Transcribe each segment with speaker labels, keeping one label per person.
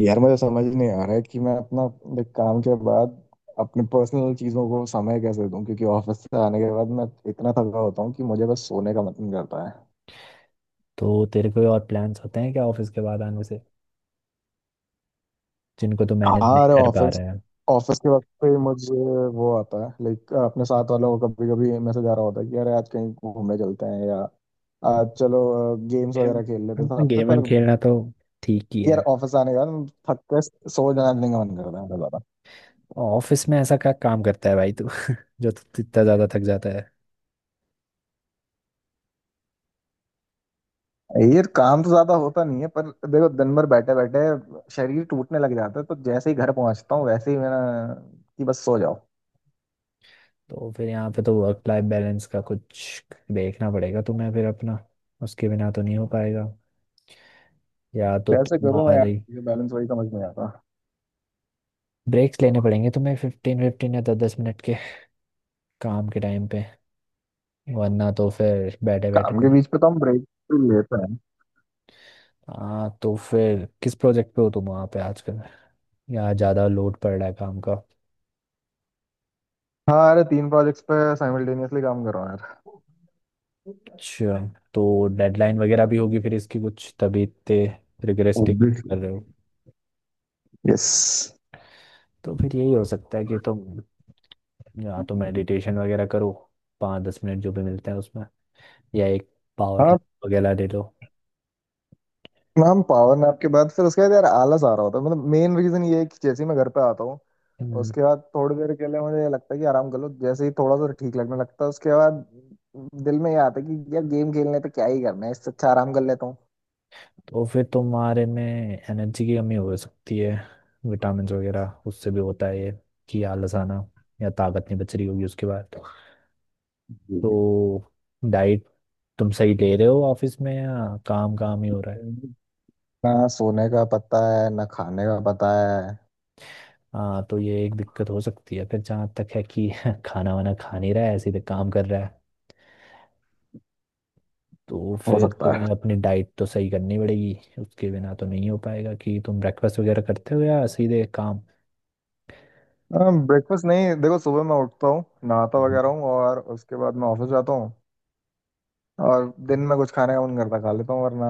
Speaker 1: यार, मुझे समझ नहीं आ रहा है कि मैं अपना काम के बाद अपने पर्सनल चीजों को समय कैसे दूं, क्योंकि ऑफिस से आने के बाद मैं इतना थका होता हूँ कि मुझे बस सोने का मन करता है।
Speaker 2: तो तेरे कोई और प्लान्स होते हैं क्या ऑफिस के बाद आने से जिनको तू मैनेज
Speaker 1: हाँ,
Speaker 2: नहीं
Speaker 1: अरे
Speaker 2: कर पा
Speaker 1: ऑफिस
Speaker 2: रहे हैं।
Speaker 1: ऑफिस के वक्त पे मुझे वो आता है अपने साथ वालों को कभी कभी मैसेज आ रहा होता है कि अरे, आज कहीं घूमने चलते हैं, या आज चलो गेम्स वगैरह खेल लेते हैं
Speaker 2: गेम
Speaker 1: साथ पे।
Speaker 2: गेम
Speaker 1: पर
Speaker 2: वेम खेलना तो ठीक ही
Speaker 1: यार,
Speaker 2: है।
Speaker 1: ऑफिस आने के बाद थक के सो जाने का मन करता है।
Speaker 2: ऑफिस में ऐसा क्या काम करता है भाई तू जो तू इतना ज्यादा थक जाता है?
Speaker 1: ये काम तो ज्यादा होता नहीं है, पर देखो, दिन भर बैठे बैठे शरीर टूटने लग जाता है, तो जैसे ही घर पहुंचता हूँ वैसे ही मेरा कि बस सो जाओ।
Speaker 2: तो फिर यहाँ पे तो वर्क लाइफ बैलेंस का कुछ देखना पड़ेगा तुम्हें फिर अपना। उसके बिना तो नहीं हो पाएगा। या तो
Speaker 1: कैसे करूँ मैं यार,
Speaker 2: तुम्हारी
Speaker 1: मुझे बैलेंस वही समझ नहीं आता।
Speaker 2: ब्रेक्स लेने पड़ेंगे तुम्हें 15 15 या 10 10 मिनट के काम के टाइम पे। वरना तो फिर बैठे बैठे
Speaker 1: काम के
Speaker 2: तो।
Speaker 1: बीच पे तो हम ब्रेक लेते हैं।
Speaker 2: हाँ तो फिर किस प्रोजेक्ट पे हो तुम वहाँ पे आजकल? यहाँ ज़्यादा लोड पड़ रहा है काम का?
Speaker 1: हाँ, अरे तीन प्रोजेक्ट्स पे साइमल्टेनियसली काम कर रहा हूँ यार।
Speaker 2: अच्छा। तो डेडलाइन वगैरह भी होगी फिर इसकी कुछ तभी इतने रिग्रेस्टिक
Speaker 1: ऑब्वियसली।
Speaker 2: कर रहे हो।
Speaker 1: यस।
Speaker 2: तो फिर यही हो सकता है कि तुम या तो मेडिटेशन वगैरह करो 5 10 मिनट जो भी मिलते हैं उसमें। या एक पावर
Speaker 1: हाँ।
Speaker 2: नैप वगैरह ले लो।
Speaker 1: हम पावर नैप के बाद, फिर उसके बाद यार आलस आ रहा होता है। मतलब मेन रीजन ये है कि जैसे ही मैं घर पे आता हूँ
Speaker 2: हम्म,
Speaker 1: उसके बाद थोड़ी देर के लिए मुझे लगता है कि आराम कर लो, जैसे ही थोड़ा सा ठीक लगने लगता है उसके बाद दिल में ये आता है कि यार गेम खेलने पे क्या ही करना है, इससे अच्छा आराम कर लेता हूँ।
Speaker 2: तो फिर तुम्हारे में एनर्जी की कमी हो सकती है। विटामिन वगैरह उससे भी होता है ये कि आलस आना या ताकत नहीं बच रही होगी उसके बाद।
Speaker 1: जी।
Speaker 2: तो डाइट तुम सही ले रहे हो ऑफिस में या काम काम ही हो?
Speaker 1: ना सोने का पता है, ना खाने का पता है।
Speaker 2: हाँ तो ये एक दिक्कत हो सकती है फिर जहाँ तक है कि खाना वाना खा नहीं रहा है ऐसे ही काम कर रहा है। तो
Speaker 1: हो
Speaker 2: फिर
Speaker 1: सकता है।
Speaker 2: तुम्हें अपनी डाइट तो सही करनी पड़ेगी। उसके बिना तो नहीं हो पाएगा कि तुम ब्रेकफास्ट वगैरह करते हो या सीधे काम?
Speaker 1: ब्रेकफास्ट नहीं, देखो सुबह मैं उठता हूँ, नहाता
Speaker 2: हम्म।
Speaker 1: वगैरह हूँ और उसके बाद मैं ऑफिस जाता हूँ। और दिन में कुछ खाने का मन करता खा लेता हूँ, वरना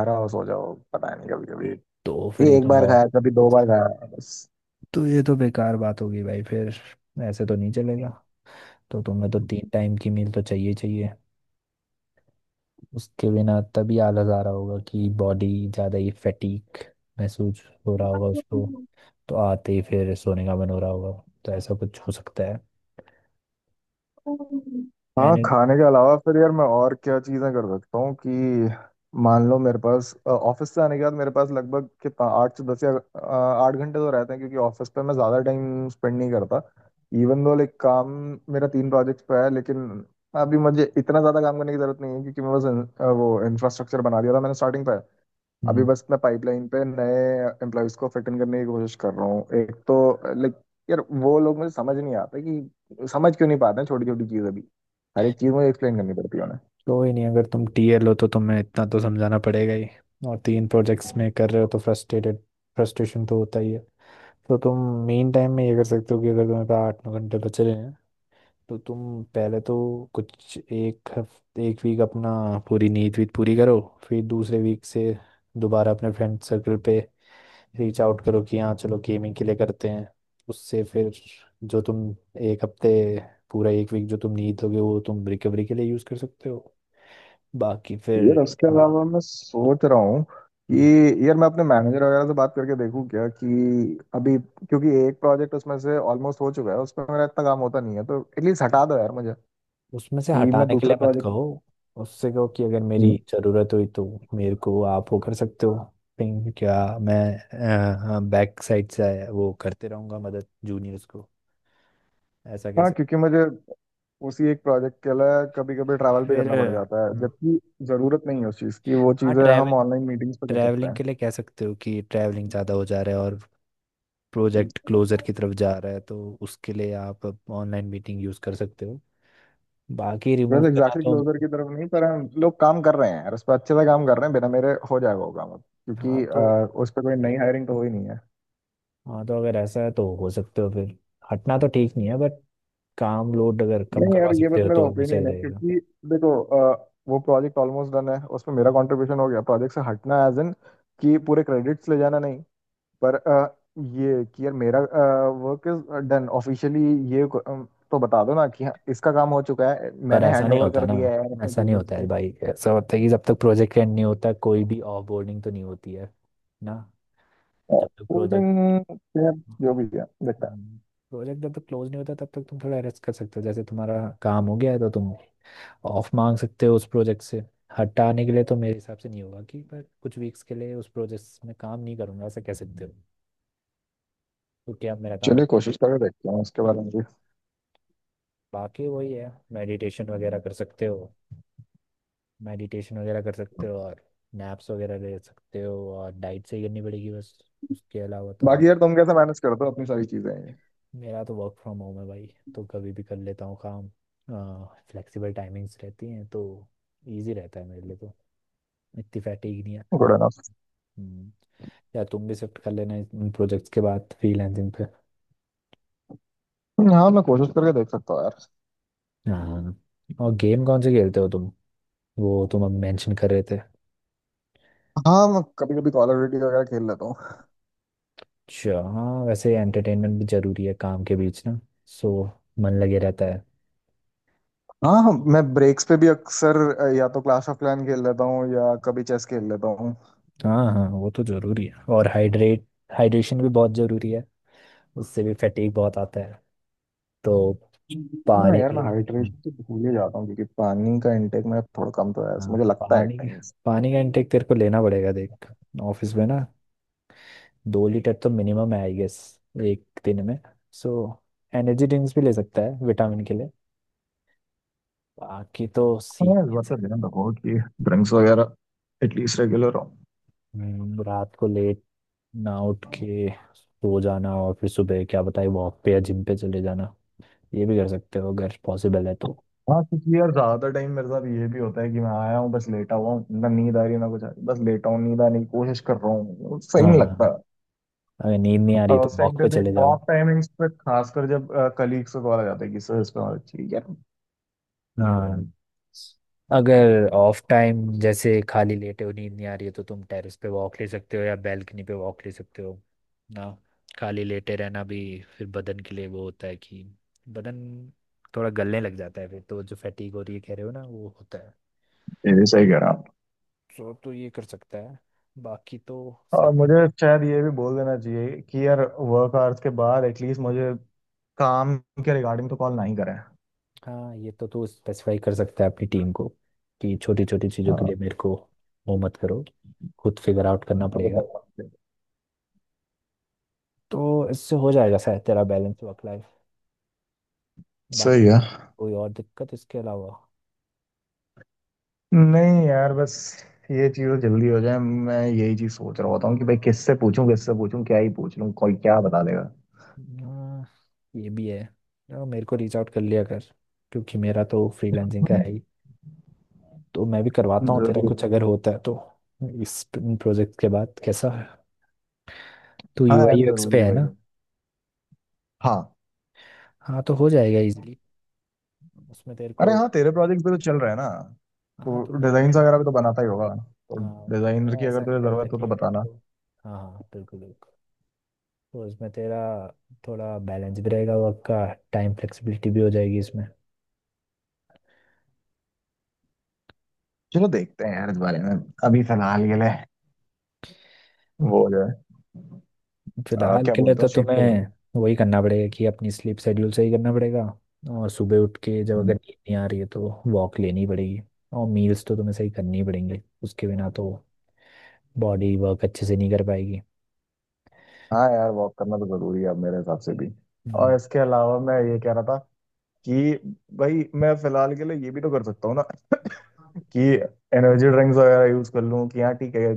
Speaker 1: घर आओ सो जाओ। पता नहीं, कभी कभी
Speaker 2: तो फिर ये
Speaker 1: एक
Speaker 2: तो
Speaker 1: बार खाया,
Speaker 2: बहुत।
Speaker 1: कभी दो बार खाया, बस।
Speaker 2: तो ये तो बेकार बात होगी भाई फिर। ऐसे तो नहीं चलेगा। तो तुम्हें तो 3 टाइम की मील तो चाहिए चाहिए। उसके बिना तभी आलस आ रहा होगा कि बॉडी ज़्यादा ही फैटीक महसूस हो रहा होगा उसको। तो आते ही फिर सोने का मन हो रहा होगा। तो ऐसा कुछ हो सकता है।
Speaker 1: हाँ,
Speaker 2: एनी।
Speaker 1: खाने के अलावा फिर यार मैं और क्या चीज़ें कर सकता हूँ कि मान लो मेरे पास ऑफिस से आने के बाद मेरे पास लगभग 8 से 10 या 8 घंटे तो रहते हैं, क्योंकि ऑफिस पे मैं ज़्यादा टाइम स्पेंड नहीं करता। इवन दो, काम मेरा तीन प्रोजेक्ट्स पे है, लेकिन अभी मुझे इतना ज़्यादा काम करने की ज़रूरत नहीं है, क्योंकि मैं बस वो इंफ्रास्ट्रक्चर बना दिया था मैंने स्टार्टिंग पे। अभी
Speaker 2: हम्म,
Speaker 1: बस मैं पाइपलाइन पे नए एम्प्लॉयज को फिट इन करने की कोशिश कर रहा हूँ। एक तो लाइक यार, वो लोग मुझे समझ नहीं आता कि समझ क्यों नहीं पाते हैं छोटी छोटी चीज़ें भी। हर एक चीज़ मुझे एक्सप्लेन करनी पड़ती है उन्हें।
Speaker 2: कोई नहीं। अगर तुम टीएल हो तो तुम्हें इतना तो समझाना पड़ेगा ही। और तीन प्रोजेक्ट्स में कर रहे हो तो फ्रस्ट्रेटेड फ्रस्ट्रेशन तो होता ही है। तो तुम मेन टाइम में ये कर सकते हो कि अगर तुम्हारे पास 8 9 घंटे बच रहे हैं तो तुम पहले तो कुछ एक हफ्ते एक वीक अपना पूरी नींद वीत पूरी करो। फिर दूसरे वीक से दोबारा अपने फ्रेंड सर्कल पे रीच आउट करो कि हाँ चलो गेमिंग के लिए करते हैं। उससे फिर जो तुम एक हफ्ते पूरा एक वीक जो तुम नहीं दोगे वो तुम रिकवरी के लिए यूज़ कर सकते हो बाकी फिर।
Speaker 1: यार, उसके अलावा मैं सोच रहा हूँ
Speaker 2: हम्म,
Speaker 1: कि यार मैं अपने मैनेजर वगैरह से बात करके देखूँ क्या, कि अभी, क्योंकि एक प्रोजेक्ट उसमें से ऑलमोस्ट हो चुका है, उस पर मेरा इतना काम होता नहीं है, तो एटलीस्ट हटा दो यार मुझे
Speaker 2: उसमें से
Speaker 1: कि मैं
Speaker 2: हटाने के
Speaker 1: दूसरे
Speaker 2: लिए मत
Speaker 1: प्रोजेक्ट।
Speaker 2: कहो। उससे कहो कि अगर मेरी ज़रूरत हुई तो मेरे को आप वो कर सकते हो। थिंक क्या। मैं बैक साइड से वो करते रहूँगा मदद जूनियर्स को। ऐसा कह
Speaker 1: हाँ,
Speaker 2: सकते
Speaker 1: क्योंकि मुझे उसी एक प्रोजेक्ट के लिए कभी कभी
Speaker 2: हो।
Speaker 1: ट्रैवल भी
Speaker 2: फिर
Speaker 1: करना पड़ जाता है, जबकि जरूरत नहीं है उस चीज़ की, वो
Speaker 2: हाँ
Speaker 1: चीज़ें
Speaker 2: ट्रैवल।
Speaker 1: हम ऑनलाइन मीटिंग्स पे कर सकते
Speaker 2: ट्रैवलिंग
Speaker 1: हैं।
Speaker 2: के लिए कह सकते हो कि ट्रैवलिंग ज़्यादा हो जा रहा है और प्रोजेक्ट क्लोजर की तरफ जा रहा है तो उसके लिए आप ऑनलाइन मीटिंग यूज़ कर सकते हो। बाकी रिमूव
Speaker 1: वैसे
Speaker 2: करना
Speaker 1: एग्जैक्टली
Speaker 2: तो।
Speaker 1: क्लोजर की तरफ नहीं, पर हम लोग काम कर रहे हैं यार, उस पर अच्छे से काम कर रहे हैं, बिना मेरे हो जाएगा वो काम अब,
Speaker 2: हाँ
Speaker 1: क्योंकि
Speaker 2: तो
Speaker 1: उस पर कोई नई हायरिंग तो हो ही नहीं है।
Speaker 2: अगर ऐसा है तो हो सकते हो फिर। हटना तो ठीक नहीं है बट काम लोड अगर कम
Speaker 1: नहीं
Speaker 2: करवा
Speaker 1: यार, ये
Speaker 2: सकते
Speaker 1: बस
Speaker 2: हो
Speaker 1: मेरा
Speaker 2: तो वो सही
Speaker 1: ओपिनियन है।
Speaker 2: रहेगा।
Speaker 1: क्योंकि देखो, वो प्रोजेक्ट ऑलमोस्ट डन है, उसमें मेरा कंट्रीब्यूशन हो गया। प्रोजेक्ट से हटना, एज इन कि पूरे क्रेडिट्स ले जाना, नहीं। पर ये कि यार, मेरा वर्क इज डन ऑफिशियली। ये को- अ, तो बता दो ना कि हाँ, इसका काम हो चुका है,
Speaker 2: पर
Speaker 1: मैंने
Speaker 2: ऐसा
Speaker 1: हैंड
Speaker 2: नहीं
Speaker 1: ओवर
Speaker 2: होता
Speaker 1: कर
Speaker 2: ना।
Speaker 1: दिया है यार अपने
Speaker 2: ऐसा नहीं
Speaker 1: जूनियर्स
Speaker 2: होता
Speaker 1: को।
Speaker 2: है भाई। ऐसा होता है कि जब तक प्रोजेक्ट एंड नहीं होता कोई भी ऑफ बोर्डिंग तो नहीं होती है ना। जब तक प्रोजेक्ट
Speaker 1: होल्डिंग जो भी है देखता है।
Speaker 2: प्रोजेक्ट जब तक क्लोज नहीं होता तब तक तुम थोड़ा रेस्ट कर सकते हो। जैसे तुम्हारा काम हो गया है तो तुम ऑफ मांग सकते हो उस प्रोजेक्ट से हटाने के लिए तो मेरे हिसाब से नहीं होगा कि पर कुछ वीक्स के लिए उस प्रोजेक्ट में काम नहीं करूंगा ऐसा कह सकते हो क्योंकि अब मेरा काम।
Speaker 1: चलिए, कोशिश करके देखते हैं उसके बारे में भी।
Speaker 2: बाकी वही है मेडिटेशन वगैरह कर सकते हो और नैप्स वगैरह ले सकते हो और डाइट सही करनी पड़ेगी बस। उसके अलावा तो
Speaker 1: बाकी
Speaker 2: और-
Speaker 1: यार, तुम कैसे मैनेज करते हो अपनी सारी चीजें?
Speaker 2: मेरा तो वर्क फ्रॉम होम है भाई। तो कभी भी कर लेता हूँ काम। फ्लेक्सिबल टाइमिंग्स रहती हैं तो इजी रहता है मेरे लिए तो। इतनी फैटिग नहीं है।
Speaker 1: Good enough.
Speaker 2: हम्म, या तुम भी शिफ्ट कर लेना इन प्रोजेक्ट्स के बाद फ्रीलांसिंग पे।
Speaker 1: हाँ, मैं कोशिश करके देख सकता हूँ यार।
Speaker 2: हाँ। और गेम कौन से खेलते हो तुम? वो तुम अब मेंशन कर रहे थे।
Speaker 1: हाँ, मैं कभी कभी कॉल ऑफ ड्यूटी वगैरह खेल लेता हूँ।
Speaker 2: अच्छा हाँ वैसे एंटरटेनमेंट भी जरूरी है काम के बीच ना। सो मन लगे रहता है।
Speaker 1: हाँ, हाँ, मैं ब्रेक्स पे भी अक्सर या तो क्लाश ऑफ क्लैन खेल लेता हूँ या कभी चेस खेल लेता हूँ।
Speaker 2: हाँ हाँ वो तो जरूरी है और हाइड्रेट हाइड्रेशन भी बहुत जरूरी है। उससे भी फैटीग बहुत आता है। तो
Speaker 1: हाँ
Speaker 2: पानी
Speaker 1: यार,
Speaker 2: भी।
Speaker 1: मैं हाइड्रेशन तो भूल ही जाता हूँ, क्योंकि पानी का इनटेक मेरा थोड़ा कम तो है, ऐसा
Speaker 2: हाँ
Speaker 1: मुझे लगता है
Speaker 2: पानी
Speaker 1: टाइम्स।
Speaker 2: पानी का इनटेक तेरे को लेना पड़ेगा देख। ऑफिस में ना 2 लीटर तो मिनिमम है आई गेस एक दिन में। सो एनर्जी ड्रिंक्स भी ले सकता है विटामिन के लिए। बाकी तो सीख
Speaker 1: हाँ, इस
Speaker 2: है
Speaker 1: बात का
Speaker 2: सर।
Speaker 1: ध्यान रखो कि ड्रिंक्स वगैरह एटलीस्ट रेगुलर हो।
Speaker 2: रात को लेट ना उठ के सो जाना और फिर सुबह क्या बताए वॉक पे या जिम पे चले जाना। ये भी कर सकते हो अगर पॉसिबल है तो।
Speaker 1: हाँ, क्योंकि यार ज्यादा टाइम मेरे साथ ये भी होता है कि मैं आया हूँ, बस लेटा हुआ हूँ, ना नींद आ रही है ना कुछ आ रही, बस लेटा हूँ, नींद आने की कोशिश कर रहा हूँ, सही नहीं
Speaker 2: हाँ
Speaker 1: लगता।
Speaker 2: अगर नींद नहीं आ रही
Speaker 1: और
Speaker 2: है तो
Speaker 1: उस टाइम
Speaker 2: वॉक
Speaker 1: पे
Speaker 2: पे
Speaker 1: भी,
Speaker 2: चले जाओ।
Speaker 1: ऑफ टाइमिंग्स पे खासकर, जब कलीग्स को कॉल आ जाता है कि सर, इस पे हमारा चाहिए यार।
Speaker 2: हाँ अगर ऑफ टाइम जैसे खाली लेटे हो नींद नहीं आ रही है तो तुम टेरेस पे वॉक ले सकते हो या बैल्कनी पे वॉक ले सकते हो ना। खाली लेटे रहना भी फिर बदन के लिए वो होता है कि बदन थोड़ा गलने लग जाता है फिर तो जो फैटीग हो रही है कह रहे हो ना वो होता है।
Speaker 1: ये भी सही कह रहा।
Speaker 2: तो ये कर सकता है। बाकी तो
Speaker 1: और
Speaker 2: सही।
Speaker 1: मुझे शायद ये भी बोल देना चाहिए कि यार, वर्क आवर्स के बाद एटलीस्ट मुझे काम के रिगार्डिंग तो कॉल नहीं करें।
Speaker 2: हाँ ये तो तू स्पेसिफाई कर सकता है अपनी टीम को कि छोटी छोटी चीज़ों के
Speaker 1: हाँ,
Speaker 2: लिए मेरे को वो मत करो। खुद फिगर आउट करना
Speaker 1: मुझे
Speaker 2: पड़ेगा।
Speaker 1: करना चाहिए।
Speaker 2: तो इससे हो जाएगा शायद तेरा बैलेंस वर्क लाइफ। बाकी
Speaker 1: सही है।
Speaker 2: कोई और दिक्कत इसके अलावा?
Speaker 1: नहीं यार, बस ये चीज़ जल्दी हो जाए, मैं यही चीज़ सोच रहा होता हूँ कि भाई किससे पूछूं, किससे पूछूं, क्या ही पूछ लूं, कोई क्या बता देगा।
Speaker 2: हाँ, ये भी है। हाँ, मेरे को रीच आउट कर लिया कर। क्योंकि मेरा तो फ्रीलांसिंग का है ही तो मैं भी करवाता हूँ तेरा
Speaker 1: जरूर।
Speaker 2: कुछ अगर होता है तो। इस प्रोजेक्ट के बाद कैसा है। तू
Speaker 1: हाँ
Speaker 2: यूआई
Speaker 1: यार,
Speaker 2: यूएक्स
Speaker 1: जरूरी
Speaker 2: पे
Speaker 1: है
Speaker 2: है ना?
Speaker 1: भाई। हाँ।
Speaker 2: हाँ तो हो जाएगा इजीली उसमें तेरे को।
Speaker 1: अरे हाँ, तेरे प्रोजेक्ट भी तो चल रहे हैं ना।
Speaker 2: हाँ
Speaker 1: तो
Speaker 2: तो
Speaker 1: डिजाइन
Speaker 2: मेरे
Speaker 1: वगैरह भी तो बनाता ही होगा, तो
Speaker 2: हाँ तो
Speaker 1: डिजाइनर
Speaker 2: मेरा
Speaker 1: की अगर
Speaker 2: ऐसा
Speaker 1: तुझे
Speaker 2: नहीं रहता
Speaker 1: जरूरत हो तो
Speaker 2: कि मेरे
Speaker 1: बताना।
Speaker 2: को। हाँ हाँ बिल्कुल बिल्कुल। तो इसमें तेरा थोड़ा बैलेंस भी रहेगा वर्क का। टाइम फ्लेक्सिबिलिटी भी हो जाएगी इसमें।
Speaker 1: चलो, देखते हैं यार इस बारे में। अभी फिलहाल के लिए वो हो जाए।
Speaker 2: फिलहाल
Speaker 1: क्या
Speaker 2: के लिए
Speaker 1: बोलते हो
Speaker 2: तो
Speaker 1: शीत को।
Speaker 2: तुम्हें वही करना पड़ेगा कि अपनी स्लीप शेड्यूल सही करना पड़ेगा। और सुबह उठ के जब अगर नींद नहीं आ रही है तो वॉक लेनी पड़ेगी। और मील्स तो तुम्हें सही करनी पड़ेंगे उसके बिना तो बॉडी वर्क अच्छे से नहीं कर पाएगी।
Speaker 1: हाँ यार, वॉक करना तो जरूरी है अब मेरे हिसाब से भी। और
Speaker 2: हम्म,
Speaker 1: इसके अलावा मैं ये कह रहा था कि भाई, मैं फिलहाल के लिए ये भी तो कर सकता हूँ ना कि एनर्जी ड्रिंक्स वगैरह यूज कर लूँ, कि हाँ ठीक है,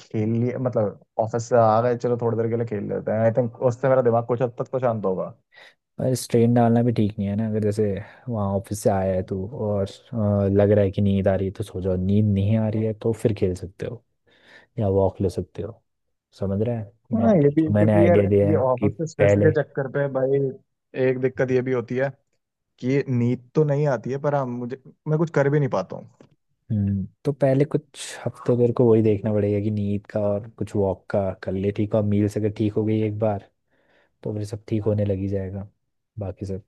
Speaker 1: खेल लिए, मतलब ऑफिस से आ गए, चलो थोड़ी देर के लिए खेल लेते हैं, आई थिंक उससे मेरा दिमाग कुछ हद तक तो शांत होगा।
Speaker 2: और स्ट्रेन डालना भी ठीक नहीं है ना। अगर जैसे वहाँ ऑफिस से आया है तू और लग रहा है कि नींद आ रही है तो सो जाओ। नींद नहीं आ रही है तो फिर खेल सकते हो या वॉक ले सकते हो। समझ रहे हैं ना।
Speaker 1: हाँ,
Speaker 2: तो
Speaker 1: ये भी,
Speaker 2: जो मैंने
Speaker 1: क्योंकि यार,
Speaker 2: आइडिया दिया
Speaker 1: ये
Speaker 2: है कि
Speaker 1: ऑफिस के स्ट्रेस
Speaker 2: पहले।
Speaker 1: के चक्कर पे भाई, एक दिक्कत ये भी होती है कि नींद तो नहीं आती है, पर हाँ, मुझे मैं कुछ कर भी नहीं पाता।
Speaker 2: हम्म, तो पहले कुछ हफ्ते तेरे को वही देखना पड़ेगा कि नींद का और कुछ वॉक का कर ले ठीक है। और मील्स अगर ठीक हो गई एक बार तो फिर सब ठीक होने लगी जाएगा बाकी सब।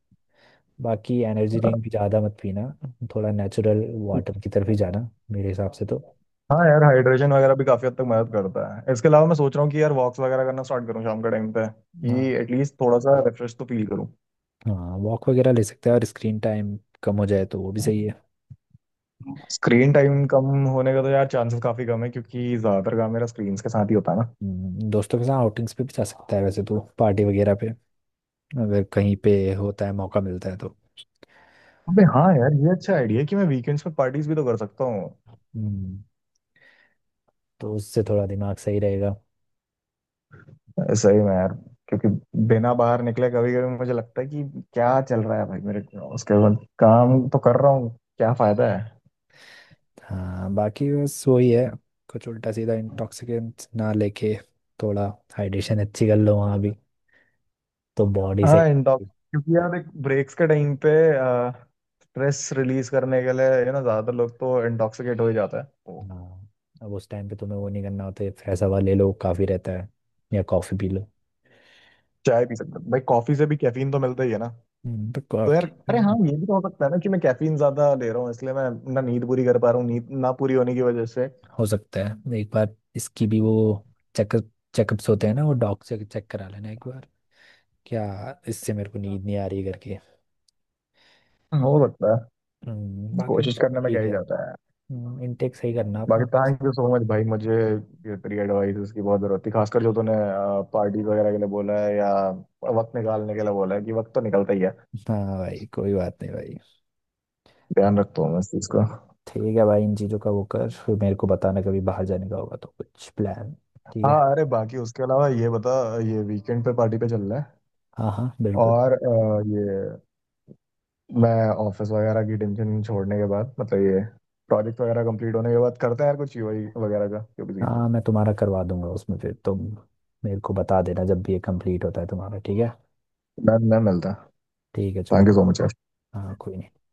Speaker 2: बाकी एनर्जी
Speaker 1: हूँ।
Speaker 2: ड्रिंक भी ज़्यादा मत पीना। थोड़ा नेचुरल वाटर की तरफ ही जाना मेरे हिसाब से तो।
Speaker 1: हाँ यार, हाइड्रेशन वगैरह भी काफी हद तक मदद करता है। इसके अलावा मैं सोच रहा हूँ कि यार, वॉक्स वगैरह करना स्टार्ट करूँ शाम के टाइम पे,
Speaker 2: हाँ
Speaker 1: कि एटलीस्ट थोड़ा सा रिफ्रेश तो फील करूँ।
Speaker 2: हाँ वॉक वगैरह ले सकता है और स्क्रीन टाइम कम हो जाए तो वो भी सही है।
Speaker 1: स्क्रीन टाइम कम होने का तो यार चांसेस काफी कम है, क्योंकि ज्यादातर काम मेरा स्क्रीन के साथ ही होता है ना।
Speaker 2: दोस्तों के साथ आउटिंग्स पे भी जा सकता है वैसे तो पार्टी वगैरह पे अगर कहीं पे होता है मौका मिलता है तो।
Speaker 1: अबे हाँ यार, ये अच्छा आइडिया है कि मैं वीकेंड्स पे पार्टीज भी तो कर सकता हूँ।
Speaker 2: हम्म, तो उससे थोड़ा दिमाग सही रहेगा।
Speaker 1: सही में यार, क्योंकि बिना बाहर निकले कभी कभी मुझे लगता है कि क्या चल रहा है भाई मेरे, उसके बाद काम तो कर रहा हूँ, क्या फायदा है।
Speaker 2: हाँ बाकी बस वही है। कुछ उल्टा सीधा इंटॉक्सिकेंट ना लेके थोड़ा हाइड्रेशन अच्छी कर लो वहाँ भी तो बॉडी सही
Speaker 1: हाँ। इंटॉक्स
Speaker 2: रहेगी।
Speaker 1: क्योंकि यार देख, ब्रेक्स के टाइम पे स्ट्रेस रिलीज करने के लिए यू ना ज्यादातर लोग तो इंटॉक्सिकेट हो ही जाता है तो।
Speaker 2: हाँ अब उस टाइम पे तुम्हें वो नहीं करना होता है। फ्रेश हवा ले लो काफ़ी रहता है। या कॉफ़ी पी लो।
Speaker 1: चाय पी सकते हैं भाई, कॉफी से भी कैफीन तो मिलता ही है ना।
Speaker 2: पर
Speaker 1: तो यार,
Speaker 2: कॉफ़ी
Speaker 1: अरे हाँ,
Speaker 2: भी।
Speaker 1: ये भी तो हो सकता है ना कि मैं कैफीन ज्यादा ले रहा हूँ, इसलिए मैं ना नींद पूरी कर पा रहा हूँ, नींद ना पूरी होने की वजह से।
Speaker 2: हो सकता है एक बार इसकी भी वो चेकअप्स होते हैं ना वो डॉक्टर से चेक करा लेना एक बार। क्या इससे मेरे को नींद नहीं आ रही करके।
Speaker 1: हो सकता है।
Speaker 2: बाकी तो
Speaker 1: कोशिश
Speaker 2: सब
Speaker 1: करने में क्या
Speaker 2: ठीक
Speaker 1: ही
Speaker 2: है।
Speaker 1: जाता है।
Speaker 2: इनटेक सही करना
Speaker 1: बाकी,
Speaker 2: अपना।
Speaker 1: थैंक यू सो मच भाई, मुझे ये तेरी एडवाइस की बहुत जरूरत थी, खासकर जो तूने पार्टी वगैरह के लिए बोला है या वक्त निकालने के लिए बोला है कि वक्त तो निकलता ही है।
Speaker 2: हाँ भाई कोई बात नहीं भाई।
Speaker 1: ध्यान रखता हूँ मैं इस चीज का।
Speaker 2: ठीक है भाई इन चीज़ों का वो कर फिर मेरे को बताना कभी बाहर जाने का होगा तो कुछ प्लान। ठीक
Speaker 1: हाँ,
Speaker 2: है।
Speaker 1: अरे बाकी उसके अलावा ये बता, ये वीकेंड पे पार्टी पे चल रहा है?
Speaker 2: हाँ हाँ बिल्कुल।
Speaker 1: और ये, मैं ऑफिस वगैरह की टेंशन छोड़ने के बाद, मतलब ये प्रोजेक्ट वगैरह कंप्लीट होने के बाद करते हैं यार कुछ यूआई वगैरह का क्यों भी।
Speaker 2: हाँ मैं तुम्हारा करवा दूंगा उसमें फिर तुम मेरे को बता देना जब भी ये कंप्लीट होता है तुम्हारा ठीक है।
Speaker 1: मैं मिलता।
Speaker 2: ठीक है चलो।
Speaker 1: Thank you so much.
Speaker 2: हाँ कोई नहीं।